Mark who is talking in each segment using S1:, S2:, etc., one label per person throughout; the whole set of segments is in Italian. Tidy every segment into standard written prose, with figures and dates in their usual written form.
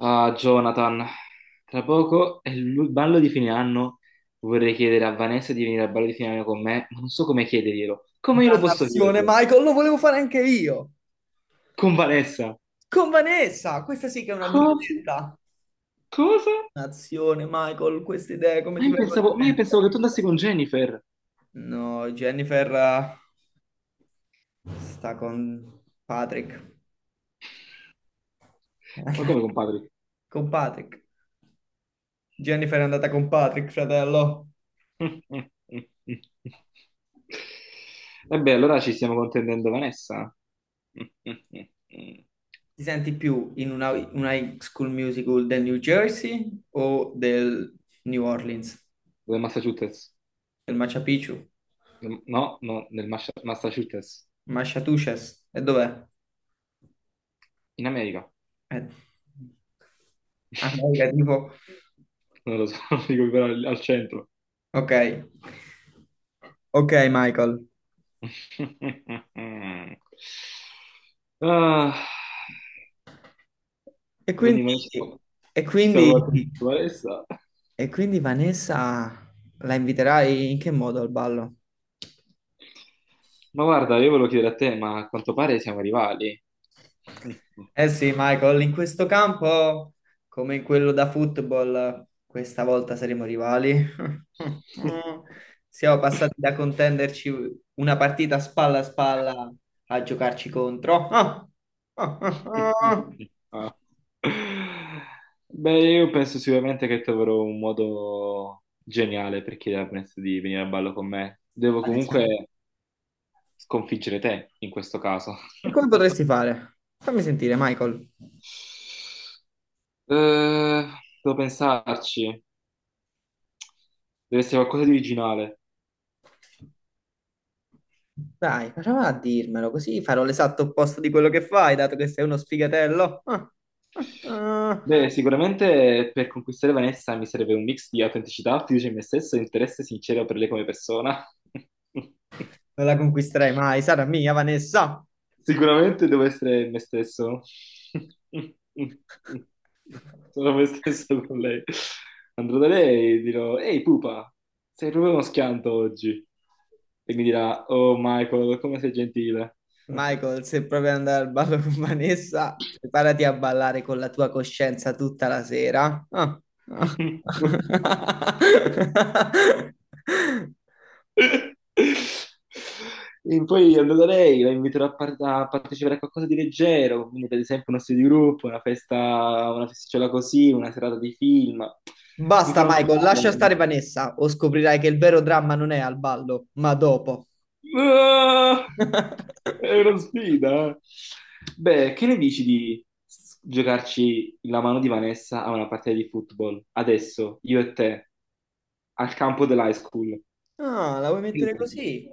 S1: Ah, Jonathan, tra poco è il ballo di fine anno. Vorrei chiedere a Vanessa di venire al ballo di fine anno con me, ma non so come chiederglielo. Come glielo posso
S2: Dannazione,
S1: chiedere?
S2: Michael, lo volevo fare anche io.
S1: Con Vanessa?
S2: Con Vanessa, questa sì che è una
S1: Cosa?
S2: disdetta.
S1: Cosa?
S2: Dannazione, Michael, queste idee come
S1: Ma
S2: ti
S1: io
S2: vengono
S1: pensavo, ma
S2: in
S1: io
S2: mente?
S1: pensavo che tu andassi con Jennifer.
S2: No, Jennifer sta con Patrick.
S1: Ma come, compadri?
S2: Con Patrick. Jennifer è andata con Patrick, fratello.
S1: Vabbè, allora ci stiamo contendendo Vanessa. Del
S2: Ti senti più in una high school musical del New Jersey o del New Orleans?
S1: Massachusetts?
S2: Del Machu Picchu?
S1: No, no, nel Massachusetts.
S2: Massachusetts? E dov'è?
S1: In America.
S2: Eh, ah, raga, tipo,
S1: Non lo so, non dico però al centro.
S2: ok, ok Michael.
S1: Ah,
S2: E
S1: quindi noi
S2: quindi,
S1: siamo-
S2: e
S1: ci siamo
S2: quindi,
S1: guardati con Vanessa.
S2: e quindi Vanessa la inviterai in che modo al ballo?
S1: Ma guarda, io volevo chiedere a te, ma a quanto pare siamo rivali.
S2: Eh sì, Michael, in questo campo, come in quello da football, questa volta saremo rivali. Siamo passati da contenderci una partita spalla a spalla a giocarci contro. Ah, ah, ah, ah.
S1: Ah. Beh, io penso sicuramente che troverò un modo geniale per chiedermi di venire a ballo con me. Devo
S2: Adesso.
S1: comunque sconfiggere te in questo caso.
S2: E come potresti fare? Fammi sentire, Michael.
S1: Eh, devo pensarci, deve essere qualcosa di originale.
S2: Dai, prova a dirmelo, così farò l'esatto opposto di quello che fai, dato che sei uno sfigatello. Ah, ah, ah.
S1: Beh, sicuramente per conquistare Vanessa mi serve un mix di autenticità, fiducia in me stesso e interesse sincero per lei come persona.
S2: Non la conquisterai mai, sarà mia, Vanessa.
S1: Sicuramente devo essere me stesso. Sono me stesso con lei. Andrò da lei e dirò: Ehi, pupa, sei proprio uno schianto oggi. E mi dirà: Oh, Michael, come sei gentile.
S2: Michael, se proprio andare al ballo con Vanessa, preparati a ballare con la tua coscienza tutta la sera. Ah, ah.
S1: E poi andrò da lei, la inviterò a, par- a partecipare a qualcosa di leggero, quindi per esempio uno studio di gruppo, una festa, una festicciola così, una serata di film. Mi
S2: Basta,
S1: farò
S2: Michael,
S1: notare.
S2: lascia stare Vanessa o scoprirai che il vero dramma non è al ballo, ma dopo.
S1: Ah, è una sfida, eh. Beh, che ne dici di s- giocarci la mano di Vanessa a una partita di football? Adesso, io e te, al campo dell'high school.
S2: Ah, la vuoi
S1: Che ne
S2: mettere
S1: dici?
S2: così?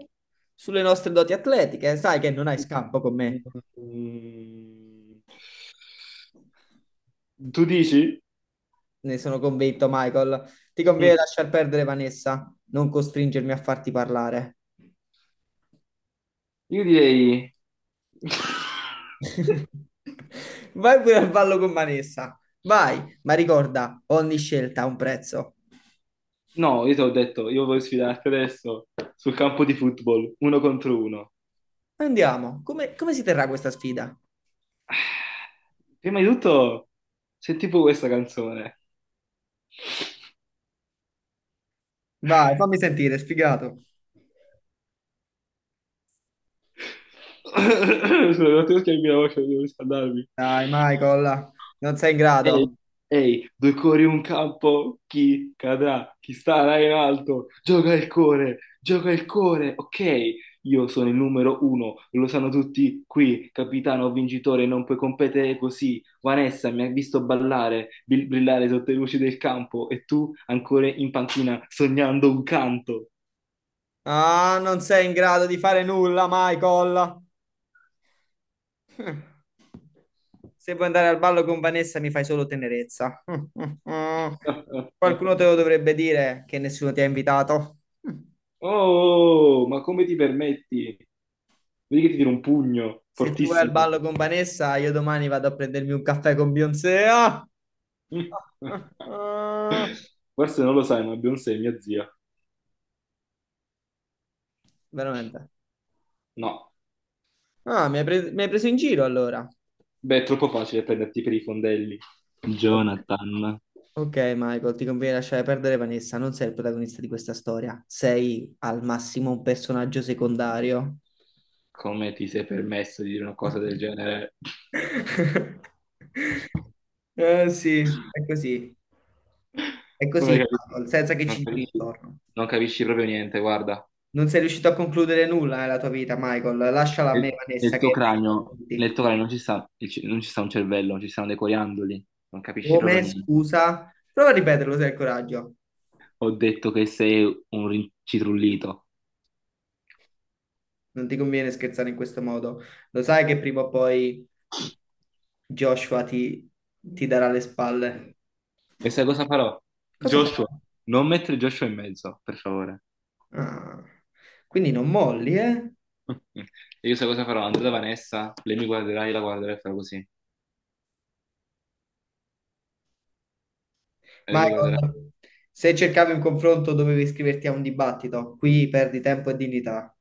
S2: Sulle nostre doti atletiche, sai che non hai scampo con me.
S1: Mm. Tu dici?
S2: Ne sono convinto, Michael. Ti conviene
S1: Mm.
S2: lasciar perdere Vanessa, non costringermi a farti parlare.
S1: Io direi...
S2: Vai pure al ballo con Vanessa. Vai, ma ricorda, ogni scelta ha un prezzo.
S1: No, io ti ho detto, io voglio sfidarti adesso sul campo di football, uno contro uno.
S2: Andiamo. Come si terrà questa sfida?
S1: Prima di tutto, senti tipo questa canzone.
S2: Vai, fammi sentire, sfigato.
S1: Scusa, non ti schiaccio la voce, devo riscaldarmi.
S2: Dai, Michael, non sei in
S1: Ehi,
S2: grado.
S1: ehi, due cuori un campo, chi cadrà, chi starà in alto, gioca il cuore, ok? Io sono il numero uno, lo sanno tutti qui, capitano vincitore, non puoi competere così. Vanessa mi ha visto ballare, bil- brillare sotto le luci del campo e tu ancora in panchina sognando un canto.
S2: Ah, non sei in grado di fare nulla, Michael. Se vuoi andare al ballo con Vanessa mi fai solo tenerezza. Qualcuno te lo dovrebbe dire che nessuno ti ha invitato.
S1: Oh, ma come ti permetti? Vedi che ti tiro un pugno,
S2: Se tu vai al
S1: fortissimo.
S2: ballo con Vanessa, io domani vado a prendermi un caffè con Beyoncé. Ah! Ah,
S1: Forse non lo sai, ma Beyoncé è mia zia.
S2: Veramente.
S1: No,
S2: Ah, mi hai preso in giro allora.
S1: beh, è troppo facile prenderti per i fondelli.
S2: Ok.
S1: Jonathan,
S2: Ok, Michael, ti conviene lasciare perdere Vanessa, non sei il protagonista di questa storia, sei al massimo un personaggio secondario.
S1: come ti sei permesso di dire una cosa del genere?
S2: Sì, è così, è
S1: Non
S2: così,
S1: hai capito.
S2: Michael, senza che
S1: Non
S2: ci giri
S1: capisci,
S2: intorno.
S1: non capisci proprio niente, guarda.
S2: Non sei riuscito a concludere nulla nella tua vita, Michael. Lasciala a
S1: E-
S2: me, Vanessa,
S1: nel tuo
S2: che è meglio per
S1: cranio, nel
S2: tutti.
S1: tuo cranio non ci sta, il ce- non ci sta un cervello, ci stanno dei coriandoli, non capisci proprio
S2: Come?
S1: niente.
S2: Scusa? Prova a ripeterlo se hai il coraggio.
S1: Ho detto che sei un rincitrullito.
S2: Non ti conviene scherzare in questo modo. Lo sai che prima o poi Joshua ti darà le spalle.
S1: E sai cosa farò?
S2: Cosa fai?
S1: Joshua, non mettere Joshua in mezzo, per favore.
S2: Ah, quindi non molli, eh?
S1: E io sai cosa farò? Andrò da Vanessa, lei mi guarderà, io la guarderò e farò così. E lei mi guarderà.
S2: Michael, se cercavi un confronto dovevi iscriverti a un dibattito. Qui perdi tempo e dignità.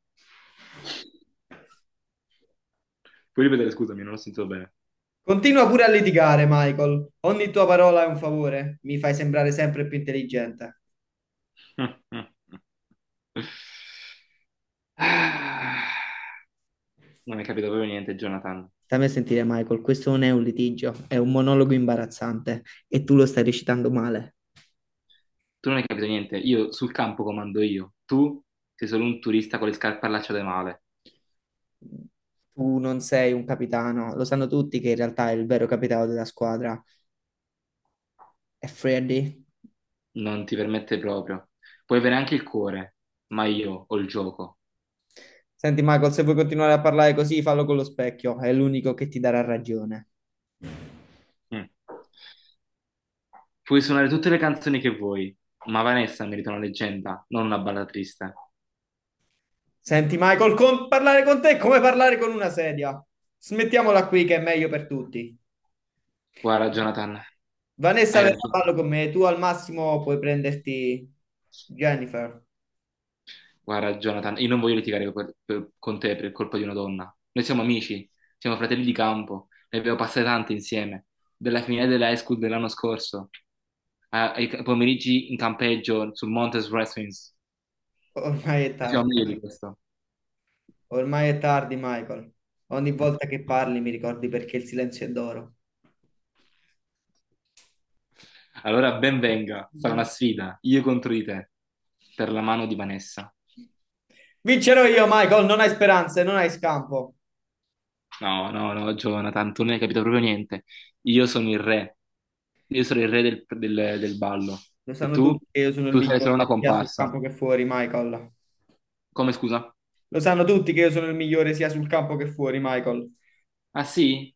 S1: Puoi ripetere, scusami, non ho sentito bene.
S2: Continua pure a litigare, Michael. Ogni tua parola è un favore. Mi fai sembrare sempre più intelligente.
S1: Ah, non hai capito proprio niente, Jonathan.
S2: Stammi a sentire, Michael, questo non è un litigio, è un monologo imbarazzante e tu lo stai recitando male.
S1: Tu non hai capito niente. Io sul campo comando io. Tu sei solo un turista con le scarpe allacciate male.
S2: Tu non sei un capitano, lo sanno tutti che in realtà il vero capitano della squadra è Freddy.
S1: Non ti permette proprio. Puoi avere anche il cuore, ma io ho il gioco.
S2: Senti, Michael, se vuoi continuare a parlare così, fallo con lo specchio, è l'unico che ti darà ragione.
S1: Mm. Puoi suonare tutte le canzoni che vuoi, ma Vanessa merita una leggenda, non una balla triste.
S2: Senti, Michael, parlare con te è come parlare con una sedia. Smettiamola qui che è meglio per tutti.
S1: Guarda, Jonathan,
S2: Vanessa
S1: hai
S2: verrà a
S1: ragione.
S2: ballo con me, tu al massimo puoi prenderti Jennifer.
S1: Guarda, Jonathan, io non voglio litigare per- con te per colpa di una donna. Noi siamo amici, siamo fratelli di campo, ne abbiamo passate tante insieme, dalla finale dell'high school dell'anno scorso, a- ai ca- pomeriggi in campeggio sul Monte Wrestlings.
S2: Ormai è
S1: Noi siamo
S2: tardi,
S1: meglio
S2: Michael.
S1: di questo.
S2: Ormai è tardi, Michael. Ogni volta che parli mi ricordi perché il silenzio è d'oro.
S1: Allora, ben venga, sarà una sfida, io contro di te, per la mano di Vanessa.
S2: Vincerò io, Michael, non hai speranze, non hai scampo.
S1: No, no, no, Jonathan, tu non hai capito proprio niente. Io sono il re. Io sono il re del, del- del ballo.
S2: Lo
S1: E
S2: sanno
S1: tu?
S2: tutti che io sono il
S1: Tu sei solo una
S2: migliore sia sul
S1: comparsa.
S2: campo che fuori, Michael.
S1: Come scusa?
S2: Lo sanno tutti che io sono il migliore sia sul campo che fuori, Michael.
S1: Ah sì?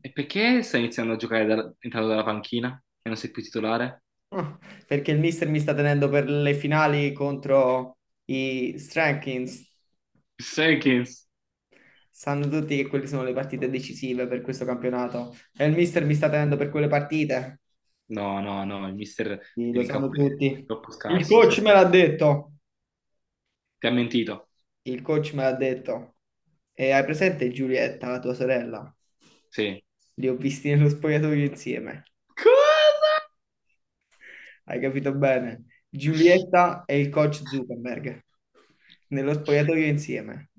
S1: E perché stai iniziando a giocare dal- entrando dalla panchina e non sei più titolare?
S2: Ah, perché il mister mi sta tenendo per le finali contro i Strankins.
S1: Jenkins.
S2: Sanno tutti che quelle sono le partite decisive per questo campionato. E il mister mi sta tenendo per quelle partite.
S1: No, no, no, il mister ti
S2: Sì, lo
S1: tiene in capo
S2: sanno
S1: perché sei
S2: tutti.
S1: troppo
S2: Il
S1: scarso,
S2: coach me
S1: sei.
S2: l'ha detto.
S1: Ti ha mentito.
S2: Il coach me l'ha detto. E hai presente Giulietta, la tua sorella?
S1: Sì.
S2: Li ho visti nello spogliatoio insieme.
S1: Cosa?
S2: Hai capito bene? Giulietta e il coach Zuckerberg nello spogliatoio insieme.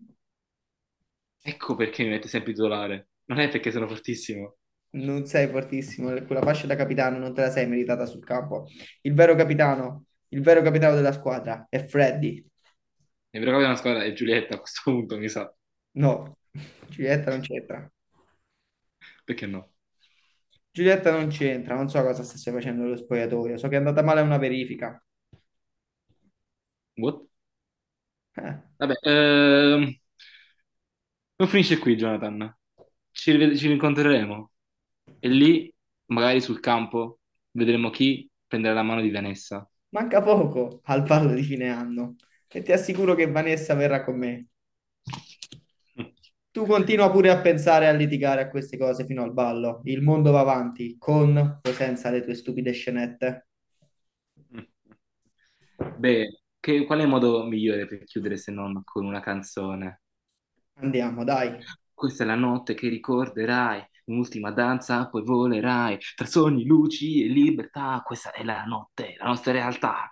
S1: Ecco perché mi mette sempre titolare. Non è perché sono fortissimo.
S2: Non sei fortissimo, quella fascia da capitano non te la sei meritata sul campo. Il vero capitano della squadra è Freddy.
S1: È vero che una squadra è Giulietta a questo punto, mi sa.
S2: No, Giulietta non c'entra.
S1: Perché no?
S2: Giulietta non c'entra, non so cosa stesse facendo lo spogliatoio, so che è andata male una verifica.
S1: What?
S2: Eh,
S1: Vabbè, non finisce qui, Jonathan. Ci, rived- ci rincontreremo e lì, magari sul campo, vedremo chi prenderà la mano di Vanessa.
S2: manca poco al ballo di fine anno e ti assicuro che Vanessa verrà con me. Tu continua pure a pensare e a litigare a queste cose fino al ballo. Il mondo va avanti, con o senza le tue stupide scenette.
S1: Beh, che- qual è il modo migliore per chiudere se non con una canzone?
S2: Andiamo, dai.
S1: Questa è la notte che ricorderai, un'ultima danza, poi volerai, tra sogni, luci e libertà. Questa è la notte, la nostra realtà.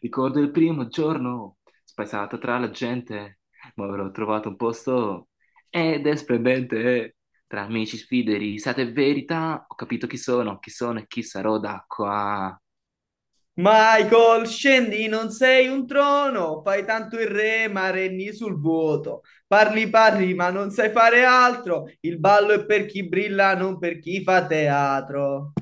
S1: Ricordo il primo giorno, spaesato tra la gente, ma avrò trovato un posto ed è splendente. Tra amici, sfide, risate e verità, ho capito chi sono e chi sarò da qua.
S2: Michael, scendi, non sei un trono, fai tanto il re, ma regni sul vuoto. Parli, parli, ma non sai fare altro. Il ballo è per chi brilla, non per chi fa teatro.